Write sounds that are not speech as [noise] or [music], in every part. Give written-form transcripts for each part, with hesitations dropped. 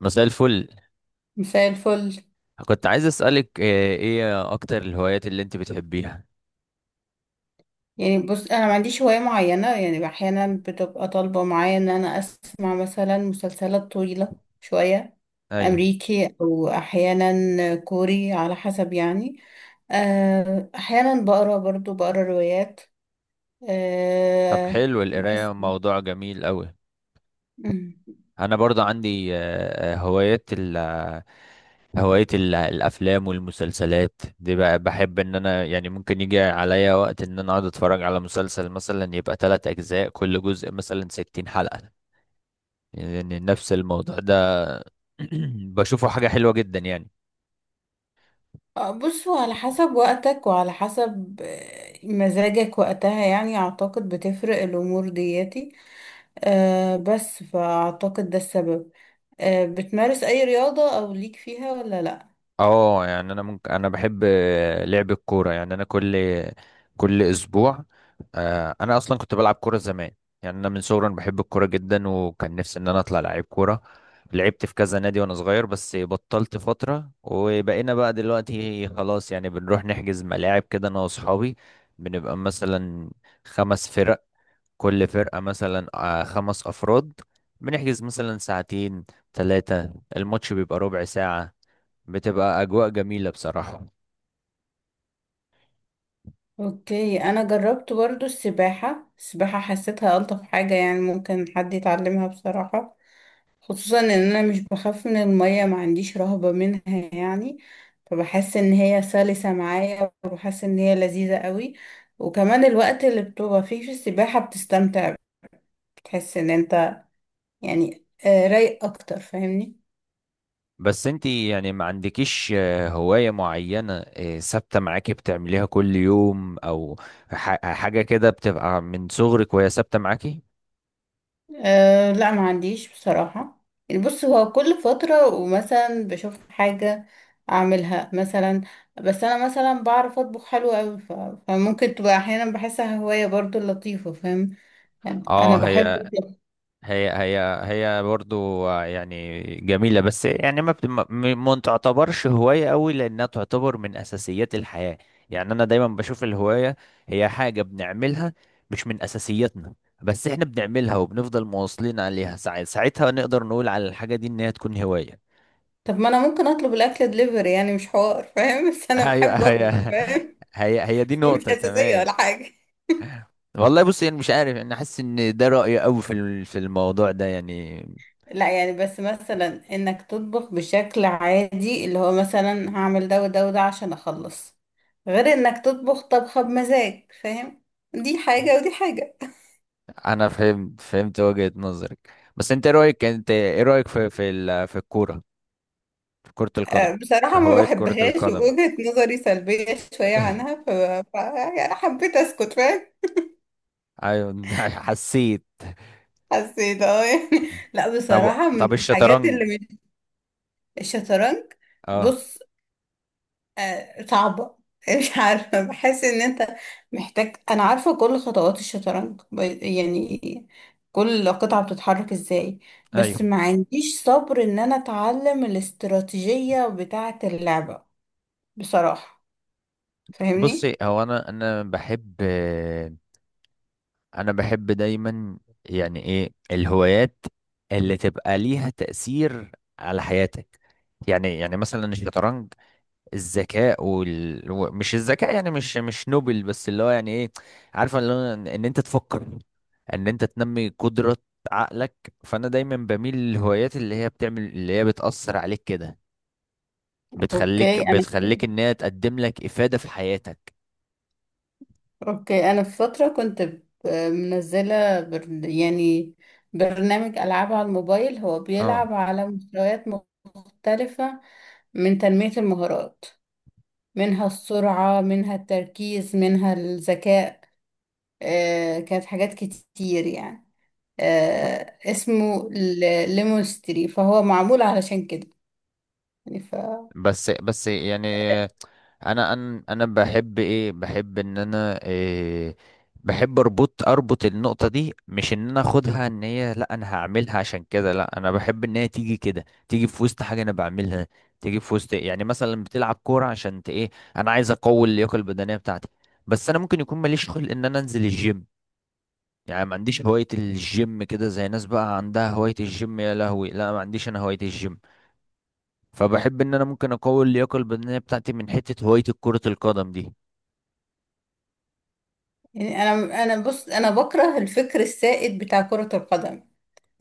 مساء الفل. مساء الفل. كنت عايز أسألك ايه اكتر الهوايات اللي انت بتحبيها؟ بص انا ما عنديش هواية معينة. يعني احيانا بتبقى طالبة معايا ان انا اسمع مثلا مسلسلات طويلة شوية، ايوه. امريكي او احيانا كوري على حسب يعني. احيانا بقرا برضو بقرا روايات. طب حلو، بس. القراية موضوع جميل قوي. مم. انا برضه عندي هوايات ال آه، الافلام والمسلسلات دي، بقى بحب ان انا يعني ممكن يجي عليا وقت ان انا اقعد اتفرج على مسلسل مثلا، يبقى ثلاث اجزاء، كل جزء مثلا 60 حلقة. يعني نفس الموضوع ده. [clears throat] بشوفه حاجة حلوة جدا يعني. بص هو على حسب وقتك وعلى حسب مزاجك وقتها، يعني اعتقد بتفرق الامور دياتي. بس فاعتقد ده السبب. بتمارس اي رياضة او ليك فيها ولا لا؟ اه يعني انا ممكن، انا بحب لعب الكوره. يعني انا كل اسبوع، انا اصلا كنت بلعب كوره زمان. يعني انا من صغري أنا بحب الكوره جدا، وكان نفسي ان انا اطلع لعيب كوره. لعبت في كذا نادي وانا صغير، بس بطلت فتره، وبقينا بقى دلوقتي خلاص يعني بنروح نحجز ملاعب كده انا واصحابي. بنبقى مثلا خمس فرق، كل فرقه مثلا خمس افراد، بنحجز مثلا ساعتين ثلاثه، الماتش بيبقى ربع ساعه. بتبقى أجواء جميلة بصراحة. اوكي، انا جربت برضو السباحة. حسيتها الطف حاجة، يعني ممكن حد يتعلمها بصراحة. خصوصا ان انا مش بخاف من المية، ما عنديش رهبة منها يعني. فبحس ان هي سلسة معايا، وبحس ان هي لذيذة قوي. وكمان الوقت اللي بتبقى فيه في السباحة بتستمتع، بتحس ان انت يعني رايق اكتر، فاهمني؟ بس انتي يعني ما عندكيش هواية معينة ثابتة معاكي بتعمليها كل يوم، أو حاجة كده بتبقى من صغرك وهي ثابتة معاكي؟ أه لا، ما عنديش بصراحة. يعني بص هو كل فترة ومثلا بشوف حاجة أعملها مثلا. بس أنا مثلا بعرف أطبخ حلو أوي، فممكن تبقى أحيانا بحسها هواية برضو لطيفة، فاهم؟ يعني اه. أنا بحب الطبخ. هي هي هي برضو يعني جميلة، بس يعني ما بت- ما ما تعتبرش هواية قوي، لأنها تعتبر من أساسيات الحياة. يعني أنا دايما بشوف الهواية هي حاجة بنعملها مش من أساسياتنا، بس إحنا بنعملها وبنفضل مواصلين عليها. ساعتها نقدر نقول على الحاجة دي إن هي تكون هواية. طب ما أنا ممكن أطلب الأكل دليفري، يعني مش حوار، فاهم؟ [laughs] بس [laughs] أنا أيوة. بحب أطبخ، فاهم؟ هي دي [laughs] مش نقطة أساسية تمام. ولا حاجة. والله بص، يعني مش عارف، أنا حاسس إن ده رأيي قوي في الموضوع ده يعني. لا يعني، بس مثلا انك تطبخ بشكل عادي، اللي هو مثلا هعمل ده وده وده عشان اخلص، غير انك تطبخ طبخة بمزاج، فاهم؟ دي حاجة ودي حاجة. انا فهمت، فهمت وجهة نظرك. بس انت إيه رايك، انت ايه رايك في الكوره، في كرة القدم، في بصراحة ما هواية كرة بحبهاش، القدم؟ ووجهة نظري سلبية شوية عنها. [laughs] ف... يعني حبيت اسكت، فاهم؟ ايوه. [laughs] حسيت. حسيت اه يعني. [laughs] لا طب، بصراحة، من الحاجات الشطرنج؟ اللي مش... الشطرنج. اه. بص. صعبة. [laughs] مش عارفة، بحس ان انت محتاج، انا عارفة كل خطوات الشطرنج، يعني كل قطعة بتتحرك ازاي، ايوه بس ما عنديش صبر ان انا اتعلم الاستراتيجية بتاعة اللعبة، بصراحة، فاهمني؟ بصي، هو انا انا بحب، انا بحب دايما، يعني ايه الهوايات اللي تبقى ليها تأثير على حياتك؟ يعني، يعني مثلا الشطرنج، الذكاء مش الذكاء يعني، مش نوبل، بس اللي هو يعني ايه، عارفه، اللي هو ان انت تفكر، ان انت تنمي قدرة عقلك. فانا دايما بميل للهوايات اللي هي بتعمل، اللي هي بتأثر عليك كده، بتخليك، اوكي انا ان هي تقدم لك إفادة في حياتك. اوكي، انا في فتره كنت منزله يعني برنامج العاب على الموبايل، هو اه بيلعب على مستويات مختلفه، من تنميه المهارات، منها السرعة، منها التركيز، منها الذكاء. كانت حاجات كتير يعني. اسمه ليمونستري، فهو معمول علشان كده يعني. بس، يعني انا بحب ايه، بحب ان انا إيه، بحب اربط، النقطه دي. مش ان انا اخدها ان هي، لا انا هعملها عشان كده، لا انا بحب ان هي تيجي كده، تيجي في وسط حاجه انا بعملها، تيجي في وسط، يعني مثلا بتلعب كوره عشان ايه، انا عايز اقوي اللياقه البدنيه بتاعتي. بس انا ممكن يكون ماليش خلق ان انا انزل الجيم، يعني ما عنديش هوايه الجيم كده. زي ناس بقى عندها هوايه الجيم، يا لهوي، لا ما عنديش انا هوايه الجيم. فبحب ان انا ممكن اقوي اللياقه البدنيه بتاعتي من حته هوايه كره القدم دي. يعني انا، انا بص انا بكره الفكر السائد بتاع كرة القدم.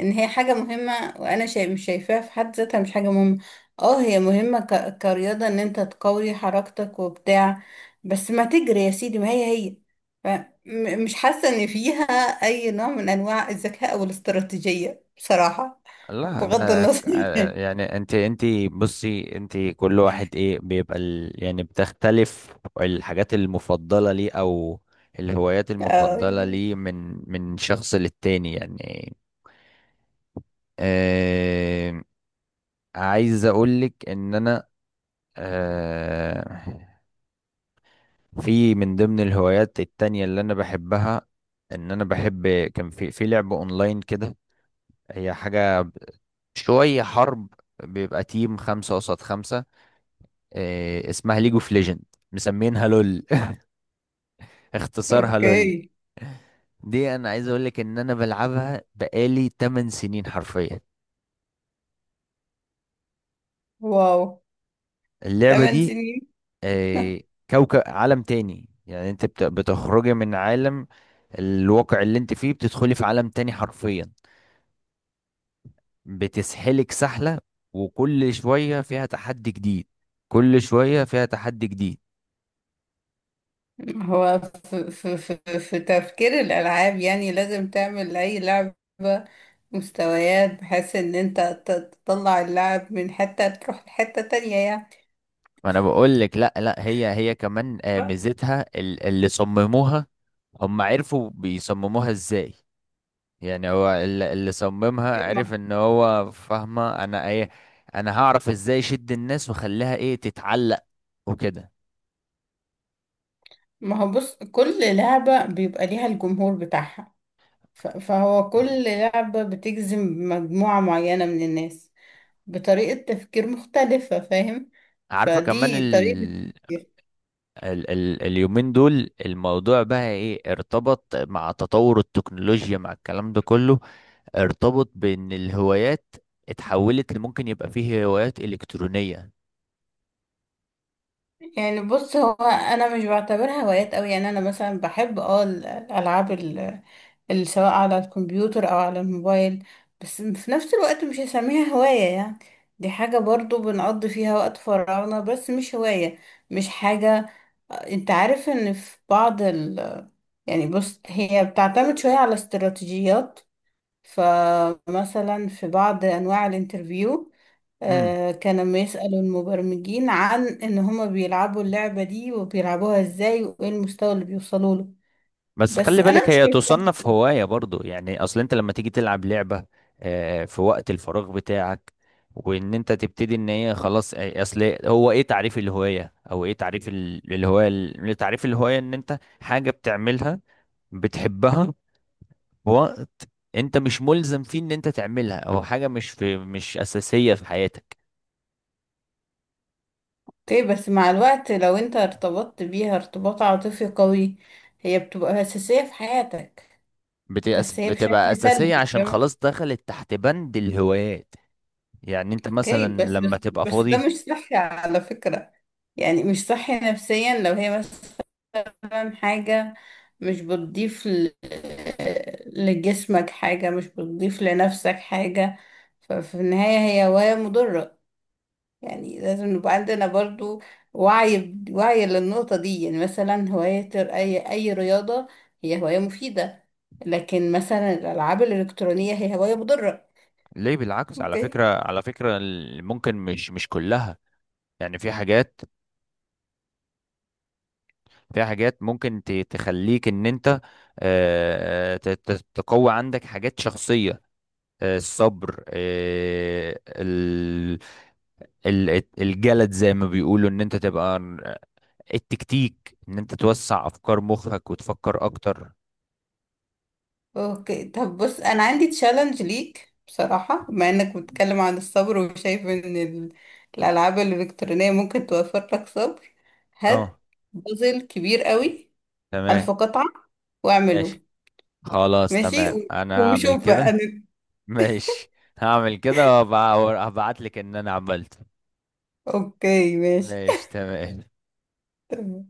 ان هي حاجة مهمة، وانا شايف مش شايفاها في حد ذاتها مش حاجة مهمة. اه هي مهمة كرياضة، ان انت تقوي حركتك وبتاع، بس ما تجري يا سيدي، ما هي هي. ف... مش حاسة ان فيها اي نوع من انواع الذكاء او الاستراتيجية، بصراحة، لا بغض ده النظر. يعني انت انت بصي، انت كل واحد ايه بيبقى ال... يعني بتختلف الحاجات المفضلة ليه، او الهوايات [laughs] اه المفضلة يعني. ليه من شخص للتاني يعني. آه... عايز اقولك ان انا آه... في من ضمن الهوايات التانية اللي انا بحبها، ان انا بحب، كان في لعب اونلاين كده. هي حاجة شوية حرب، بيبقى تيم خمسة قصاد خمسة. اسمها ليج اوف ليجند، مسمينها لول. [laughs] اختصارها لول. اوكي. دي انا عايز اقول لك ان انا بلعبها بقالي 8 سنين حرفيا، واو. اللعبة 8 دي. سنين. آه، كوكب عالم تاني، يعني انت بتخرجي من عالم الواقع اللي انت فيه، بتدخلي في عالم تاني حرفيا، بتسحلك سحلة. وكل شوية فيها تحدي جديد، كل شوية فيها تحدي جديد. هو في تفكير الألعاب، يعني لازم تعمل أي لعبة مستويات، بحيث إن أنت تطلع اللاعب من حتة تروح لحتة تانية يعني. ما انا بقول لك، لا لا، هي كمان ميزتها اللي صمموها، هم عرفوا بيصمموها ازاي. يعني هو اللي صممها عرف ان هو، فاهمه انا ايه، انا هعرف ازاي اشد الناس واخليها ايه تتعلق وكده. ما هو بص، كل لعبة بيبقى ليها الجمهور بتاعها، فهو كل لعبة بتجذب مجموعة معينة من الناس بطريقة تفكير مختلفة، فاهم؟ عارفه كمان فدي طريقة. ال... اليومين دول الموضوع بقى ايه، ارتبط مع تطور التكنولوجيا، مع الكلام ده كله، ارتبط بان الهوايات اتحولت لممكن يبقى فيه هوايات الكترونيه. يعني بص، هو انا مش بعتبرها هوايات قوي. يعني انا مثلا بحب اه الالعاب، اللي سواء على الكمبيوتر او على الموبايل، بس في نفس الوقت مش هسميها هواية يعني. دي حاجة برضو بنقضي فيها وقت فراغنا، بس مش هواية، مش حاجة. انت عارف ان في بعض ال... يعني بص، هي بتعتمد شوية على استراتيجيات. فمثلا في بعض انواع الانترفيو، مم. كان بيسأل المبرمجين عن ان هما بيلعبوا اللعبة دي وبيلعبوها ازاي وايه المستوى اللي بيوصلوا له. بس بس خلي انا بالك مش هي شايفة تصنف كده. هواية برضو يعني. اصل انت لما تيجي تلعب لعبة في وقت الفراغ بتاعك، وان انت تبتدي ان هي خلاص، اصل هو ايه تعريف الهواية؟ او ايه تعريف تعريف الهواية؟ ان انت حاجة بتعملها، بتحبها في وقت انت مش ملزم فيه ان انت تعملها، او حاجة مش في مش اساسية في حياتك. اوكي، بس مع الوقت لو انت ارتبطت بيها ارتباط عاطفي قوي، هي بتبقى اساسية في حياتك، بس هي بتبقى بشكل اساسية سلبي، عشان فاهمة؟ خلاص دخلت تحت بند الهوايات. يعني انت اوكي، مثلا بس لما بس تبقى بس فاضي، ده مش صحي على فكرة. يعني مش صحي نفسيا، لو هي بس مثلا حاجة مش بتضيف لجسمك حاجة، مش بتضيف لنفسك حاجة، ففي النهاية هي هواية مضرة. يعني لازم نبقى عندنا برضو وعي للنقطة دي. يعني مثلا هواية أي رياضة هي هواية مفيدة، لكن مثلا الألعاب الإلكترونية هي هواية مضرة. ليه؟ بالعكس على اوكي فكرة، على فكرة ممكن مش كلها. يعني في حاجات، ممكن تخليك ان انت تقوي عندك حاجات شخصية، الصبر، الجلد زي ما بيقولوا، ان انت تبقى التكتيك، ان انت توسع افكار مخك وتفكر اكتر. اوكي طب بص انا عندي تشالنج ليك بصراحة. بما انك بتتكلم عن الصبر وشايف ان الالعاب الالكترونية ممكن توفر لك صبر، اه هات بازل كبير قوي، تمام. الف قطعة، واعمله. ماشي، خلاص ماشي، تمام، انا هعمل وشوف بقى كده. ماشي، هعمل كده وابعت لك ان انا عملت. اوكي. ماشي. ماشي تمام. [laughs]